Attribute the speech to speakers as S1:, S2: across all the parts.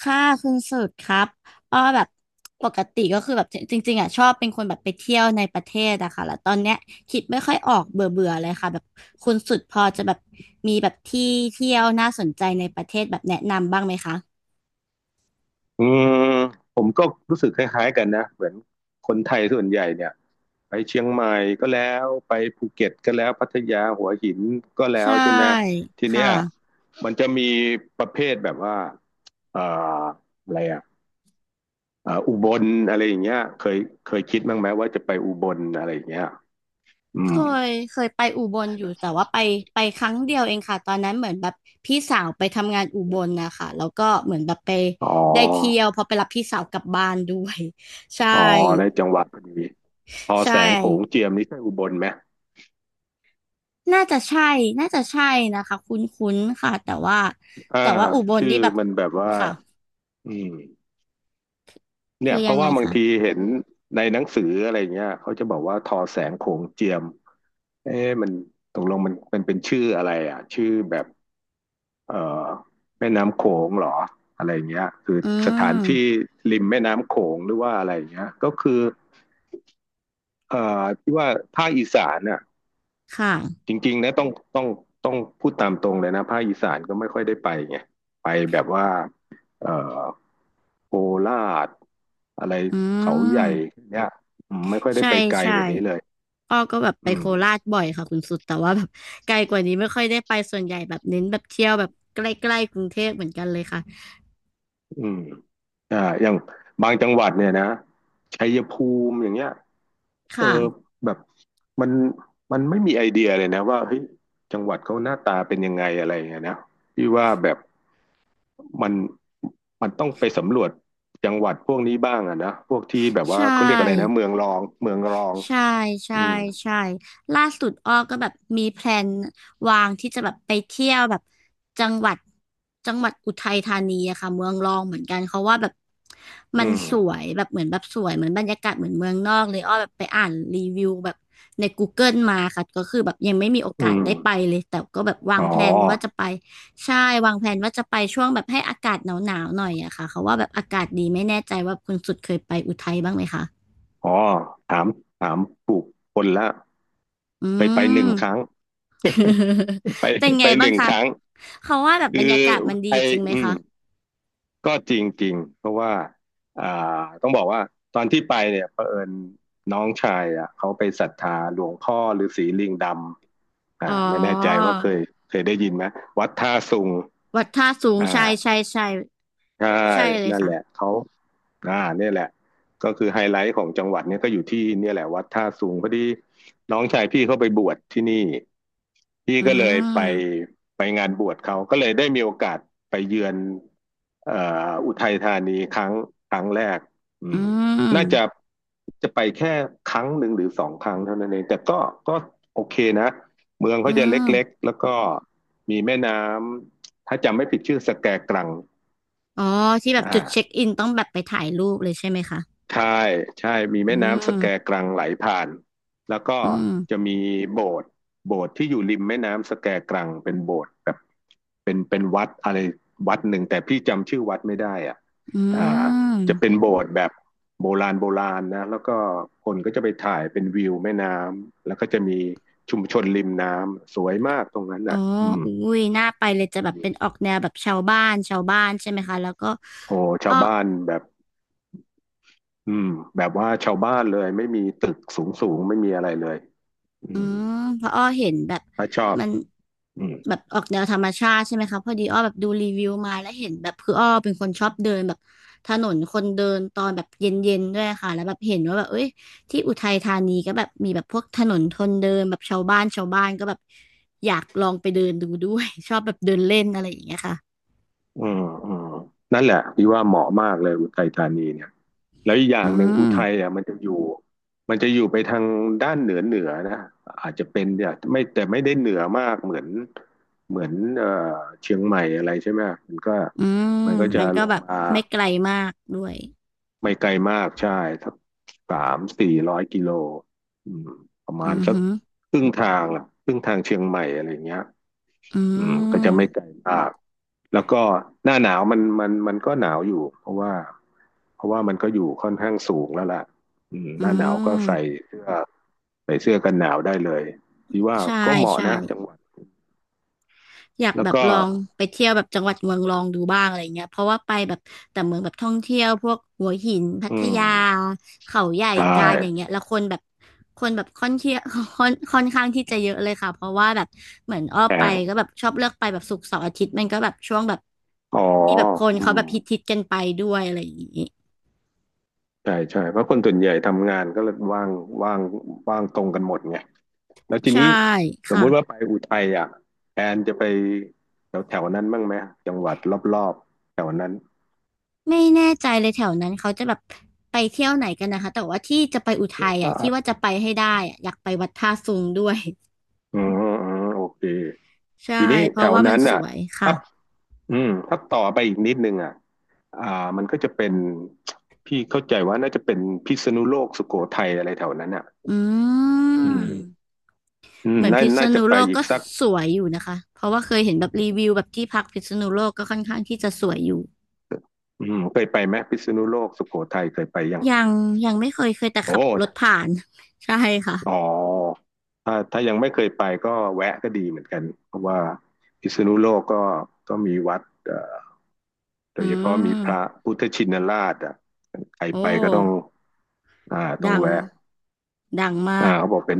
S1: ค่ะคุณสุดครับอ้อแบบปกติก็คือแบบจริงๆอ่ะชอบเป็นคนแบบไปเที่ยวในประเทศอะค่ะแล้วตอนเนี้ยคิดไม่ค่อยออกเบื่อเบื่อเลยค่ะแบบคุณสุดพอจะแบบมีแบบที่เที่ยวน่าสนใจในประเทศแบบแนะนำบ้างไหมคะ
S2: อืมผมก็รู้สึกคล้ายๆกันนะเหมือนคนไทยส่วนใหญ่เนี่ยไปเชียงใหม่ก็แล้วไปภูเก็ตก็แล้วพัทยาหัวหินก็แล้
S1: ใช่
S2: วใช่ไหมที
S1: ค
S2: เนี้ย
S1: ่ะ
S2: มันจะมีประเภทแบบว่าเอ่ออะไรอ่ะอุบลอะไรอย่างเงี้ยเคยคิดบ้างไหมว่าจะไปอุบลอะไรอย่างเงี้ยอื
S1: เค
S2: ม
S1: เคยไปอุบลอยู่แต่ว่าไปครั้งเดียวเองค่ะตอนนั้นเหมือนแบบพี่สาวไปทำงานอุบลนะคะแล้วก็เหมือนแบบไป
S2: อ๋อ
S1: ได้เที่ยวพอไปรับพี่สาวกลับบ้านด้วย ใช่
S2: อ๋อได้จังหวัดพอดีพอ
S1: ใช่
S2: แสงโขงเจียมนี่ใช่อุบลไหม
S1: น่าจะใช่น่าจะใช่นะคะคุ้นๆค่ะแต่ว่า
S2: อ่า
S1: อุบล
S2: ชื่อ
S1: นี่แบบ
S2: มันแบบว่า
S1: ค่ะ
S2: อืม เนี่
S1: คื
S2: ย
S1: อ
S2: เพ
S1: ยั
S2: ราะ
S1: งไง
S2: ว่าบาง
S1: คะ
S2: ทีเห็นในหนังสืออะไรเงี้ยเขาจะบอกว่าทอแสงโขงเจียมเอ๊ะมันตกลงมันมันเป็นชื่ออะไรอ่ะชื่อแบบเอ่อแม่น้ำโขงเหรออะไรเงี้ยคือ
S1: อื
S2: สถานที่
S1: ม
S2: ริมแม่น้ำโขงหรือว่าอะไรเงี้ยก็คือเอ่ที่ว่าภาคอีสานน่ะ
S1: ค่ะ
S2: จริงๆนะต้องต้องพูดตามตรงเลยนะภาคอีสานก็ไม่ค่อยได้ไปไงไปแบบว่าเอ่อ โคราชอะไร
S1: อื
S2: เขาให
S1: ม
S2: ญ่เนี่ยไม่ค่อยได้
S1: ใช่
S2: ไปไกล
S1: ใช่
S2: กว่านี้เลย
S1: อ้อก็แบบไป
S2: อื
S1: โค
S2: ม
S1: ราชบ่อยค่ะคุณสุดแต่ว่าแบบไกลกว่านี้ไม่ค่อยได้ไปส่วนใหญ่แบบเน้นแบบเที่ยวแบบใกล้ๆกรุงเทพเหมือนกันเลยค่ะ
S2: อืมอย่างบางจังหวัดเนี่ยนะชัยภูมิอย่างเงี้ยเอ
S1: ค่ะ
S2: อแบบมันมันไม่มีไอเดียเลยนะว่าเฮ้ยจังหวัดเขาหน้าตาเป็นยังไงอะไรอย่างเงี้ยนะพี่ว่าแบบมันมันต้องไปสำรวจจังหวัดพวกนี้บ้างอะนะพวกที่แบบ
S1: ใช
S2: ว่าเขาเรียกอะไรนะ
S1: ่
S2: เมืองรองเมืองรอง
S1: ใช่ใช่
S2: อืม
S1: ใช่ล่าสุดอ้อก็แบบมีแพลนวางที่จะแบบไปเที่ยวแบบจังหวัดจังหวัดอุทัยธานีอะค่ะเมืองรองเหมือนกันเขาว่าแบบ
S2: อื
S1: มันสว
S2: ม
S1: ยแบบเหมือนแบบสวยเหมือนบรรยากาศเหมือนเมืองนอกเลยอ้อแบบไปอ่านรีวิวแบบใน Google มาค่ะก็คือแบบยังไม่มีโอ
S2: อื
S1: กาส
S2: ม
S1: ได้ไปเลยแต่ก็แบบวา
S2: อ๋
S1: ง
S2: อ
S1: แพลนว่าจะไปใช่วางแพลนว่าจะไปช่วงแบบให้อากาศหนาวๆหน่อยอะค่ะเขาว่าแบบอากาศดีไม่แน่ใจว่าคุณสุดเคยไปอุทัยบ้างไหมคะ
S2: อ๋อถามถามปลูกคนละ
S1: อื
S2: ไปหนึ่
S1: ม
S2: งครั้ง ไป
S1: เป็น
S2: ไป
S1: ไง
S2: ห
S1: บ้าง
S2: นึ่ง
S1: คะ
S2: ครั้ง
S1: เขาว่าแบบบร
S2: คือ
S1: รยากาศมันดี
S2: ไป
S1: จริงไหม
S2: อืม
S1: คะ
S2: ก็จริงจริงเพราะว่าอ่าต้องบอกว่าตอนที่ไปเนี่ยเผอิญน้องชายอ่ะเขาไปศรัทธาหลวงพ่อฤาษีลิงดำอ่า
S1: อ๋อ
S2: ไม่แน่ใจว่าเคยได้ยินไหมวัดท่าสุง
S1: วัดท่าสู
S2: อ
S1: งใช่
S2: ่า
S1: ใช่ใช่
S2: ใช่
S1: ใช่เลย
S2: นั่น
S1: ค่ะ
S2: แหละเขาเนี่ยแหละก็คือไฮไลท์ของจังหวัดเนี่ยก็อยู่ที่เนี่ยแหละวัดท่าสูงพอดีน้องชายพี่เขาไปบวชที่นี่พี่
S1: อื
S2: ก็เลยไป
S1: ม
S2: ไปงานบวชเขาก็เลยได้มีโอกาสไปเยือนเอ่ออุทัยธานีครั้งแรกอื
S1: อื
S2: มน่า
S1: ม
S2: จะไปแค่ครั้งหนึ่งหรือสองครั้งเท่านั้นเองแต่ก็โอเคนะเมือง
S1: อื
S2: เขาจะ
S1: ม
S2: เล็กๆแล้วก็มีแม่น้ำถ้าจำไม่ผิดชื่อสแกกรัง
S1: อ๋อที่แบบจุดเช็ค
S2: อ่า
S1: อินต้องแบบไปถ่ายรูปเลยใช่ไหมคะ
S2: ใช่ใช่มี
S1: อื
S2: แม่น้ำสแก
S1: ม
S2: กรังไหลผ่านแล้วก็
S1: อืม
S2: จะมีโบสถ์โบสถ์ที่อยู่ริมแม่น้ำสแกกรังเป็นโบสถ์แบบเป็นวัดอะไรวัดหนึ่งแต่พี่จำชื่อวัดไม่ได้อ่ะ
S1: อื
S2: อ่าจะ
S1: ม
S2: เป็นโบสถ์แบบโบราณโบราณนะแล้วก็คนก็จะไปถ่ายเป็นวิวแม่น้ำแล้วก็จะมีชุมชนริมน้ำสวยมากตรงนั้น
S1: อ๋อ
S2: อ่ะอืม
S1: อุ้ยน่าไปเลยจะแบบเป็นออกแนวแบบชาวบ้านชาวบ้านใช่ไหมคะแล้วก็
S2: โอ้
S1: อ้
S2: ชา
S1: อ
S2: วบ้านแบบอืมแบบว่าชาวบ้านเลยไม่มีตึกสูงสูงไม่มีอะไรเลยอื
S1: อื
S2: ม
S1: มเพราะอ้อเห็นแบบ
S2: ถ้าชอบ
S1: มัน
S2: อืม
S1: แบบออกแนวธรรมชาติใช่ไหมคะพอดีอ้อแบบดูรีวิวมาแล้วเห็นแบบคืออ้อเป็นคนชอบเดินแบบถนนคนเดินตอนแบบเย็นๆด้วยค่ะแล้วแบบเห็นว่าแบบเอ้ยที่อุทัยธานีก็แบบมีแบบพวกถนนคนเดินแบบชาวบ้านชาวบ้านก็แบบอยากลองไปเดินดูด้วย ชอบแบบเดินเล่นอะไรอย่างเงี้ยค่ะ
S2: อืมอืมนั่นแหละพี่ว่าเหมาะมากเลยอุทัยธานีเนี่ยแล้วอีกอย่า
S1: อื
S2: งหนึ่งอุ
S1: ม
S2: ทัยอ่ะมันจะอยู่ไปทางด้านเหนือเหนือนะอาจจะเป็นเนี่ยไม่แต่ไม่ได้เหนือมากเหมือนเชียงใหม่อะไรใช่ไหมมันก็
S1: อื
S2: มั
S1: ม
S2: นก็จะ
S1: มันก็
S2: ลง
S1: แบบ
S2: มา
S1: ไม่ไกลมากด้วย
S2: ไม่ไกลมาก ใช่สักสามสี่ร้อยกิโลอืมประ
S1: อื
S2: มาณ
S1: อ
S2: สัก
S1: หือ
S2: ครึ่งทางล่ะครึ่งทางเชียงใหม่อะไรอย่างเงี้ย
S1: อื
S2: อืมก็จะไม่ไก
S1: ม
S2: ลมาก แล้วก็หน้าหนาวมันก็หนาวอยู่เพราะว่ามันก็อยู่ค่อนข้างสูงแล้วล่ะ
S1: อื
S2: หน้าหนาวก็ใส่
S1: ม
S2: เสื้อกันหนาวได้เลยที่ว่า
S1: ใช่
S2: ก็เหมาะ
S1: ใช่
S2: นะจังหวัด
S1: อยาก
S2: แล้ว
S1: แบบ
S2: ก็
S1: ลองไปเที่ยวแบบจังหวัดเมืองรองดูบ้างอะไรเงี้ยเพราะว่าไปแบบแต่เมืองแบบท่องเที่ยวพวกหัวหินพั
S2: อื
S1: ทยา
S2: ม
S1: เขาใหญ่
S2: ใช่
S1: กาญอย่างเงี้ยแล้วคนแบบคนแบบค่อนเที่ยว ค่อนข้างที่จะเยอะเลยค่ะเพราะว่าแบบเหมือนอ้อ
S2: แพ
S1: ไป
S2: ง
S1: ก็แบบชอบเลือกไปแบบศุกร์เสาร์อาทิตย์มันก็แบบช่วงแบบ
S2: อ๋อ
S1: ที่แบบคน
S2: อื
S1: เขา
S2: ม
S1: แบบฮิตกันไปด้วยอะไรอย่างงี้
S2: ใช่ใช่เพราะคนส่วนใหญ่ทำงานก็เลยว่างว่างตรงกันหมดไงแล้วที
S1: ใช่
S2: นี้สม
S1: ค่ะ
S2: มุติว่าไปอุทัยอ่ะแอนจะไปแถวแถวนั้นบ้างไหมจังหวัดรอบๆแถวนั้น
S1: ไม่แน่ใจเลยแถวนั้นเขาจะแบบไปเที่ยวไหนกันนะคะแต่ว่าที่จะไปอุทัยอ่ะที่ว่า
S2: อ่า
S1: จะไปให้ได้อ่ะอยากไปวัดท่าซุงด้วย
S2: อืมอืมโอเค
S1: ใช่
S2: ทีนี้
S1: เพ
S2: แถ
S1: ราะ
S2: ว
S1: ว่ามั
S2: นั้
S1: น
S2: น
S1: ส
S2: อ่ะ
S1: วยค่ะ
S2: ถ้าถ้าต่อไปอีกนิดนึงอ่ะอ่ามันก็จะเป็นพี่เข้าใจว่าน่าจะเป็นพิษณุโลกสุโขทัยอะไรแถวนั้นอ่ะ
S1: อื
S2: อื
S1: ม
S2: ม
S1: เหมือน
S2: น่า
S1: พิษ
S2: น่าจะ
S1: ณุ
S2: ไป
S1: โลก
S2: อีก
S1: ก็
S2: สัก
S1: สวยอยู่นะคะเพราะว่าเคยเห็นแบบรีวิวแบบที่พักพิษณุโลกก็ค่อนข้างที่จะสวยอยู่
S2: เคยไปไหมพิษณุโลกสุโขทัยเคยไปยัง
S1: ยังยังไม่เคยเคยแต่ขั
S2: โอ้
S1: บรถผ่าน ใช่
S2: อ๋อ
S1: ค่ะ
S2: ถ้ายังไม่เคยไปก็แวะก็ดีเหมือนกันเพราะว่าพิษณุโลกก็มีวัดโด
S1: อื
S2: ยเฉพาะมีพระ
S1: ม
S2: พุทธชินราชอ่ะใคร
S1: โอ
S2: ไปก็ต้อง
S1: ้
S2: ต้อง
S1: ดัง
S2: แวะ
S1: ดังมาก
S2: เขาบอกเป็น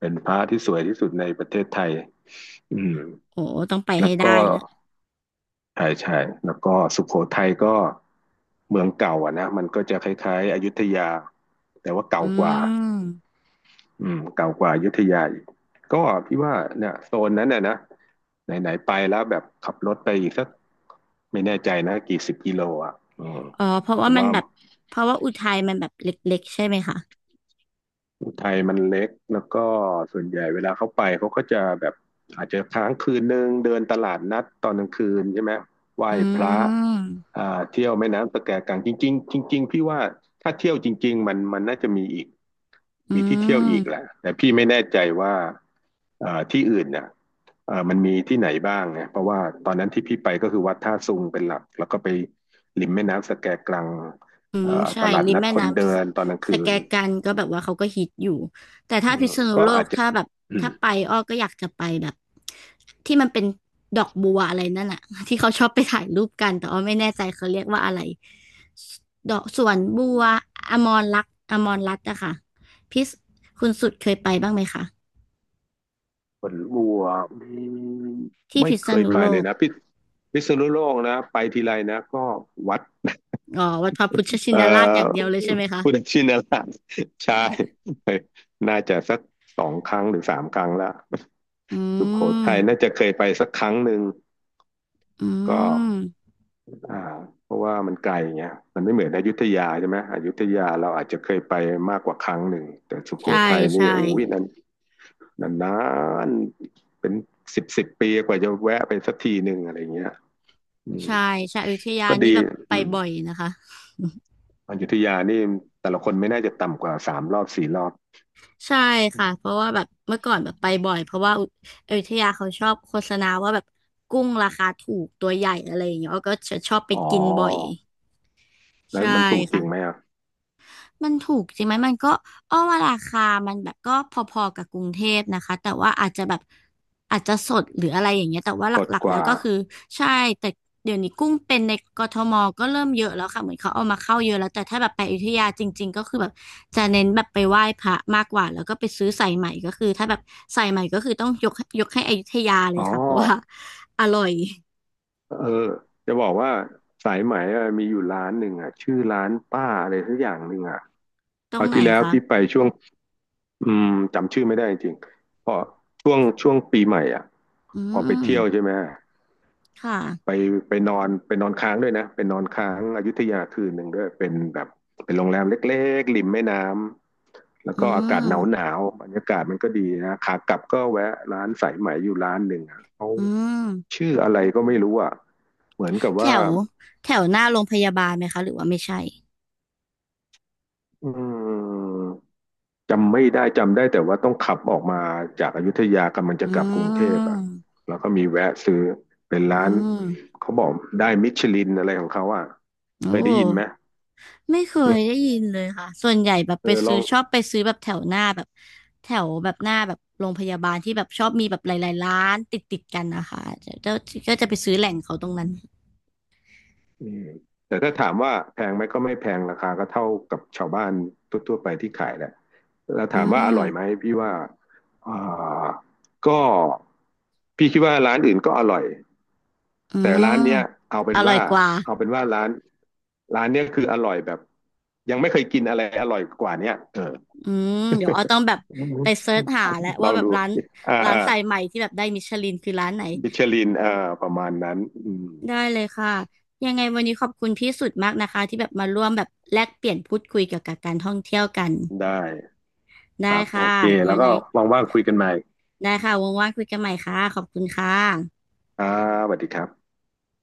S2: เป็นพระที่สวยที่สุดในประเทศไทยอืม
S1: โอ้ต้องไป
S2: แล้ว
S1: ให้ได้
S2: ก็
S1: ละ
S2: ใช่ใช่แล้วก็สุโขทัยก็เมืองเก่าอ่ะนะมันก็จะคล้ายๆอยุธยาแต่ว่าเก่า
S1: อื
S2: กว่า
S1: ม
S2: เก่ากว่าอยุธยาอีกก็พี่ว่าเนี่ยโซนนั้นน่ะนะไหนๆไปแล้วแบบขับรถไปอีกสักไม่แน่ใจนะกี่สิบกิโลอ่ะอืม
S1: อ๋อเพราะว่า
S2: แต่
S1: มัน
S2: ว่า
S1: แบบเพราะว่าอุทัยมันแบบเล็กๆใช่ไหมคะ
S2: ไทยมันเล็กแล้วก็ส่วนใหญ่เวลาเขาไปเขาก็จะแบบอาจจะค้างคืนนึงเดินตลาดนัดตอนกลางคืนใช่ไหมไหว้
S1: อื
S2: พระ
S1: ม
S2: เที่ยวแม่น้ำสะแกกลางจริงๆจริงๆพี่ว่าถ้าเที่ยวจริงๆมันน่าจะมีอีก
S1: อื
S2: มีที่เที่ยวอี
S1: ม
S2: กแหละแต่พี่ไม่แน่ใจว่าที่อื่นเนี่ยมันมีที่ไหนบ้างเนี่ยเพราะว่าตอนนั้นที่พี่ไปก็คือวัดท่าซุงเป็นหลักแล้วก็ไปริมแม่น้ำสะแกกลาง
S1: อืมใช่
S2: ตลาด
S1: ริม
S2: นัด
S1: แม่
S2: คน
S1: น้
S2: เดินตอนกลาง
S1: ำส
S2: คื
S1: แก
S2: น
S1: กันก็แบบว่าเขาก็ฮิตอยู่แต่
S2: อื
S1: ถ้าพิ
S2: ม
S1: ษณุ
S2: ก็
S1: โล
S2: อา
S1: ก
S2: จจะ
S1: ถ้าแบบ
S2: อืม
S1: ถ้าไปอ้อก็อยากจะไปแบบที่มันเป็นดอกบัวอะไรนั่นอะ ที่เขาชอบไปถ่ายรูปกันแต่อ้อไม่แน่ใจเขาเรียกว่าอะไรดอกสวนบัวอมรรัตน์อะค่ะพิษคุณสุดเคยไปบ้างไหมคะ
S2: ผลบัว อืม
S1: ที่
S2: ไม่
S1: พิษ
S2: เคย
S1: ณุ
S2: ไป
S1: โล
S2: เลย
S1: ก
S2: นะพิษณุโลกนะไปทีไรนะก็วัด
S1: อ๋อวัดพระพุทธชิ
S2: เอ่
S1: นราชอย่างเดียว
S2: อ
S1: เลยใช่ไหมคะ
S2: พุทธชินราช ใช่น่าจะสักสองครั้งหรือสามครั้งละ
S1: อื
S2: สุโข
S1: ม
S2: ทัยน่าจะเคยไปสักครั้งหนึ่ง
S1: อื
S2: ก็
S1: ม
S2: อ่าเพราะว่ามันไกลเงี้ยมันไม่เหมือนอยุธยาใช่ไหมอยุธยาเราอาจจะเคยไปมากกว่าครั้งหนึ่งแต่สุโข
S1: ใช่
S2: ทัยนี่
S1: ใช่
S2: โอ้ยนั้น นานๆเป็นสิบปีกว่าจะแวะไปสักทีหนึ่งอะไรเงี้ย
S1: ใช่ใช่อยุธยา
S2: ก็
S1: นี่
S2: ดี
S1: แบบไป
S2: อืม
S1: บ่อยนะคะ
S2: อยุธยานี่แต่ละคนไม่น่าจะต่ำกว่าสามรอบสี่รอบ
S1: ใช่ค่ะเพราะว่าแบบเมื่อก่อนแบบไปบ่อยเพราะว่าอุอยุธยาเขาชอบโฆษณาว่าแบบกุ้งราคาถูกตัวใหญ่อะไรอย่างเงี้ยอ้อก็จะชอบไป
S2: อ๋อ
S1: กินบ่อย
S2: แล้ว
S1: ใช่
S2: มันถูกจริ
S1: ค่ะ
S2: งไหมอ่ะ
S1: มันถูกจริงไหมมันก็อ้อว่าราคามันแบบก็พอๆกับกรุงเทพนะคะแต่ว่าอาจจะแบบอาจจะสดหรืออะไรอย่างเงี้ยแต่ว่าห
S2: ลด
S1: ลัก
S2: ก
S1: ๆแล้ว
S2: ว่า
S1: ก็คือใช่แต่เดี๋ยวนี้กุ้งเป็นในกทมก็เริ่มเยอะแล้วค่ะเหมือนเขาเอามาเข้าเยอะแล้วแต่ถ้าแบบไปอยุธยาจริงๆก็คือแบบจะเน้นแบบไปไหว้พระมากกว่าแล้วก็ไปซื้อสายใหม่ก็คือถ้าแบบสายใหม่ก็คือต้องยกให้อยุธยาเล
S2: อ๋
S1: ย
S2: อ
S1: ค่ะเพราะว่าอร่อย
S2: เออจะบอกว่าสายไหมอะมีอยู่ร้านหนึ่งอ่ะชื่อร้านป้าอะไรสักอย่างหนึ่งอ่ะ
S1: ตร
S2: ค
S1: ง
S2: ราว
S1: ไหน
S2: ที่แล้ว
S1: คะ
S2: พี่ไปช่วงอืมจำชื่อไม่ได้จริงพอช่วงปีใหม่อ่ะ
S1: อื
S2: พอไป
S1: ม
S2: เที่ยวใช่ไหม
S1: ค่ะ
S2: ไปไปนอนค้างด้วยนะไปนอนค้างอยุธยาคืนหนึ่งด้วยเป็นแบบเป็นโรงแรมเล็กๆริมแม่น้ำแล้วก็
S1: อื
S2: อากาศห
S1: ม
S2: นาวหนาวบรรยากาศมันก็ดีนะขากลับก็แวะร้านสายไหมอยู่ร้านหนึ่งเขา
S1: อืม
S2: ชื่ออะไรก็ไม่รู้อ่ะเหมือนกับ
S1: แถ
S2: ว่า
S1: วแถวหน้าโรงพยาบาลไหมคะหรือว่าไม่ใช่
S2: อืมจำไม่ได้จำได้แต่ว่าต้องขับออกมาจากอยุธยากำลังจะ
S1: อื
S2: กลับกรุงเทพอ่ะ
S1: ม
S2: แล้วก็มีแวะซื้อเป็น
S1: อื
S2: ร้าน
S1: ม
S2: เขาบอกได้มิชลินอะไรของเขาอ่ะ
S1: โอ้
S2: เคยได้ยินไหม
S1: ไม่เคยได้ยินเลยค่ะ ส่วนใหญ่แบบ
S2: เอ
S1: ไป
S2: อล
S1: ซื้
S2: อ
S1: อ
S2: ง
S1: ชอบไปซื้อแบบแถวหน้าแบบแถวแบบหน้าแบบโรงพยาบาลที่แบบชอบมีแบบหลายๆร้านติดกันนะคะจะก็จะไปซื้อแหล่งเขาตรงนั้น
S2: อืมแต่ถ้าถามว่าแพงไหมก็ไม่แพงราคาก็เท่ากับชาวบ้านทั่วๆไปที่ขายแหละแล้ว
S1: อื
S2: ถามว่าอร่
S1: ม
S2: อยไหมพี่ว่าอ่าก็พี่คิดว่าร้านอื่นก็อร่อย
S1: อื
S2: แต่
S1: ม
S2: ร้านเนี้ยเอาเป็
S1: อ
S2: น
S1: ร่อย
S2: ว่า
S1: กว่า
S2: เอาเป็นว่าร้านเนี้ยคืออร่อยแบบยังไม่เคยกินอะไรอร่อยกว่าเนี้ยเออ
S1: อืมเดี๋ยวอ้อต้องแบบไปเซิร์ชหาแล้ว
S2: ล
S1: ว่า
S2: อง
S1: แบบ
S2: ดู
S1: ร้าน
S2: อ่า
S1: ร้าน
S2: อ่า
S1: สายใหม่ที่แบบได้มิชลินคือร้านไหน
S2: มิชลินอ่าประมาณนั้นอืม
S1: ได้เลยค่ะยังไงวันนี้ขอบคุณพี่สุดมากนะคะที่แบบมาร่วมแบบแลกเปลี่ยนพูดคุยเกี่ยวกับการท่องเที่ยวกัน
S2: ได้ค
S1: ได้
S2: รับโอ
S1: ค่ะ
S2: เคแล้
S1: ยั
S2: ว
S1: ง
S2: ก็
S1: ไง
S2: ว่างๆคุยกันใหม่
S1: ได้ค่ะว่างๆคุยกันใหม่ค่ะขอบคุณค่ะ
S2: อ่าสวัสดีครับ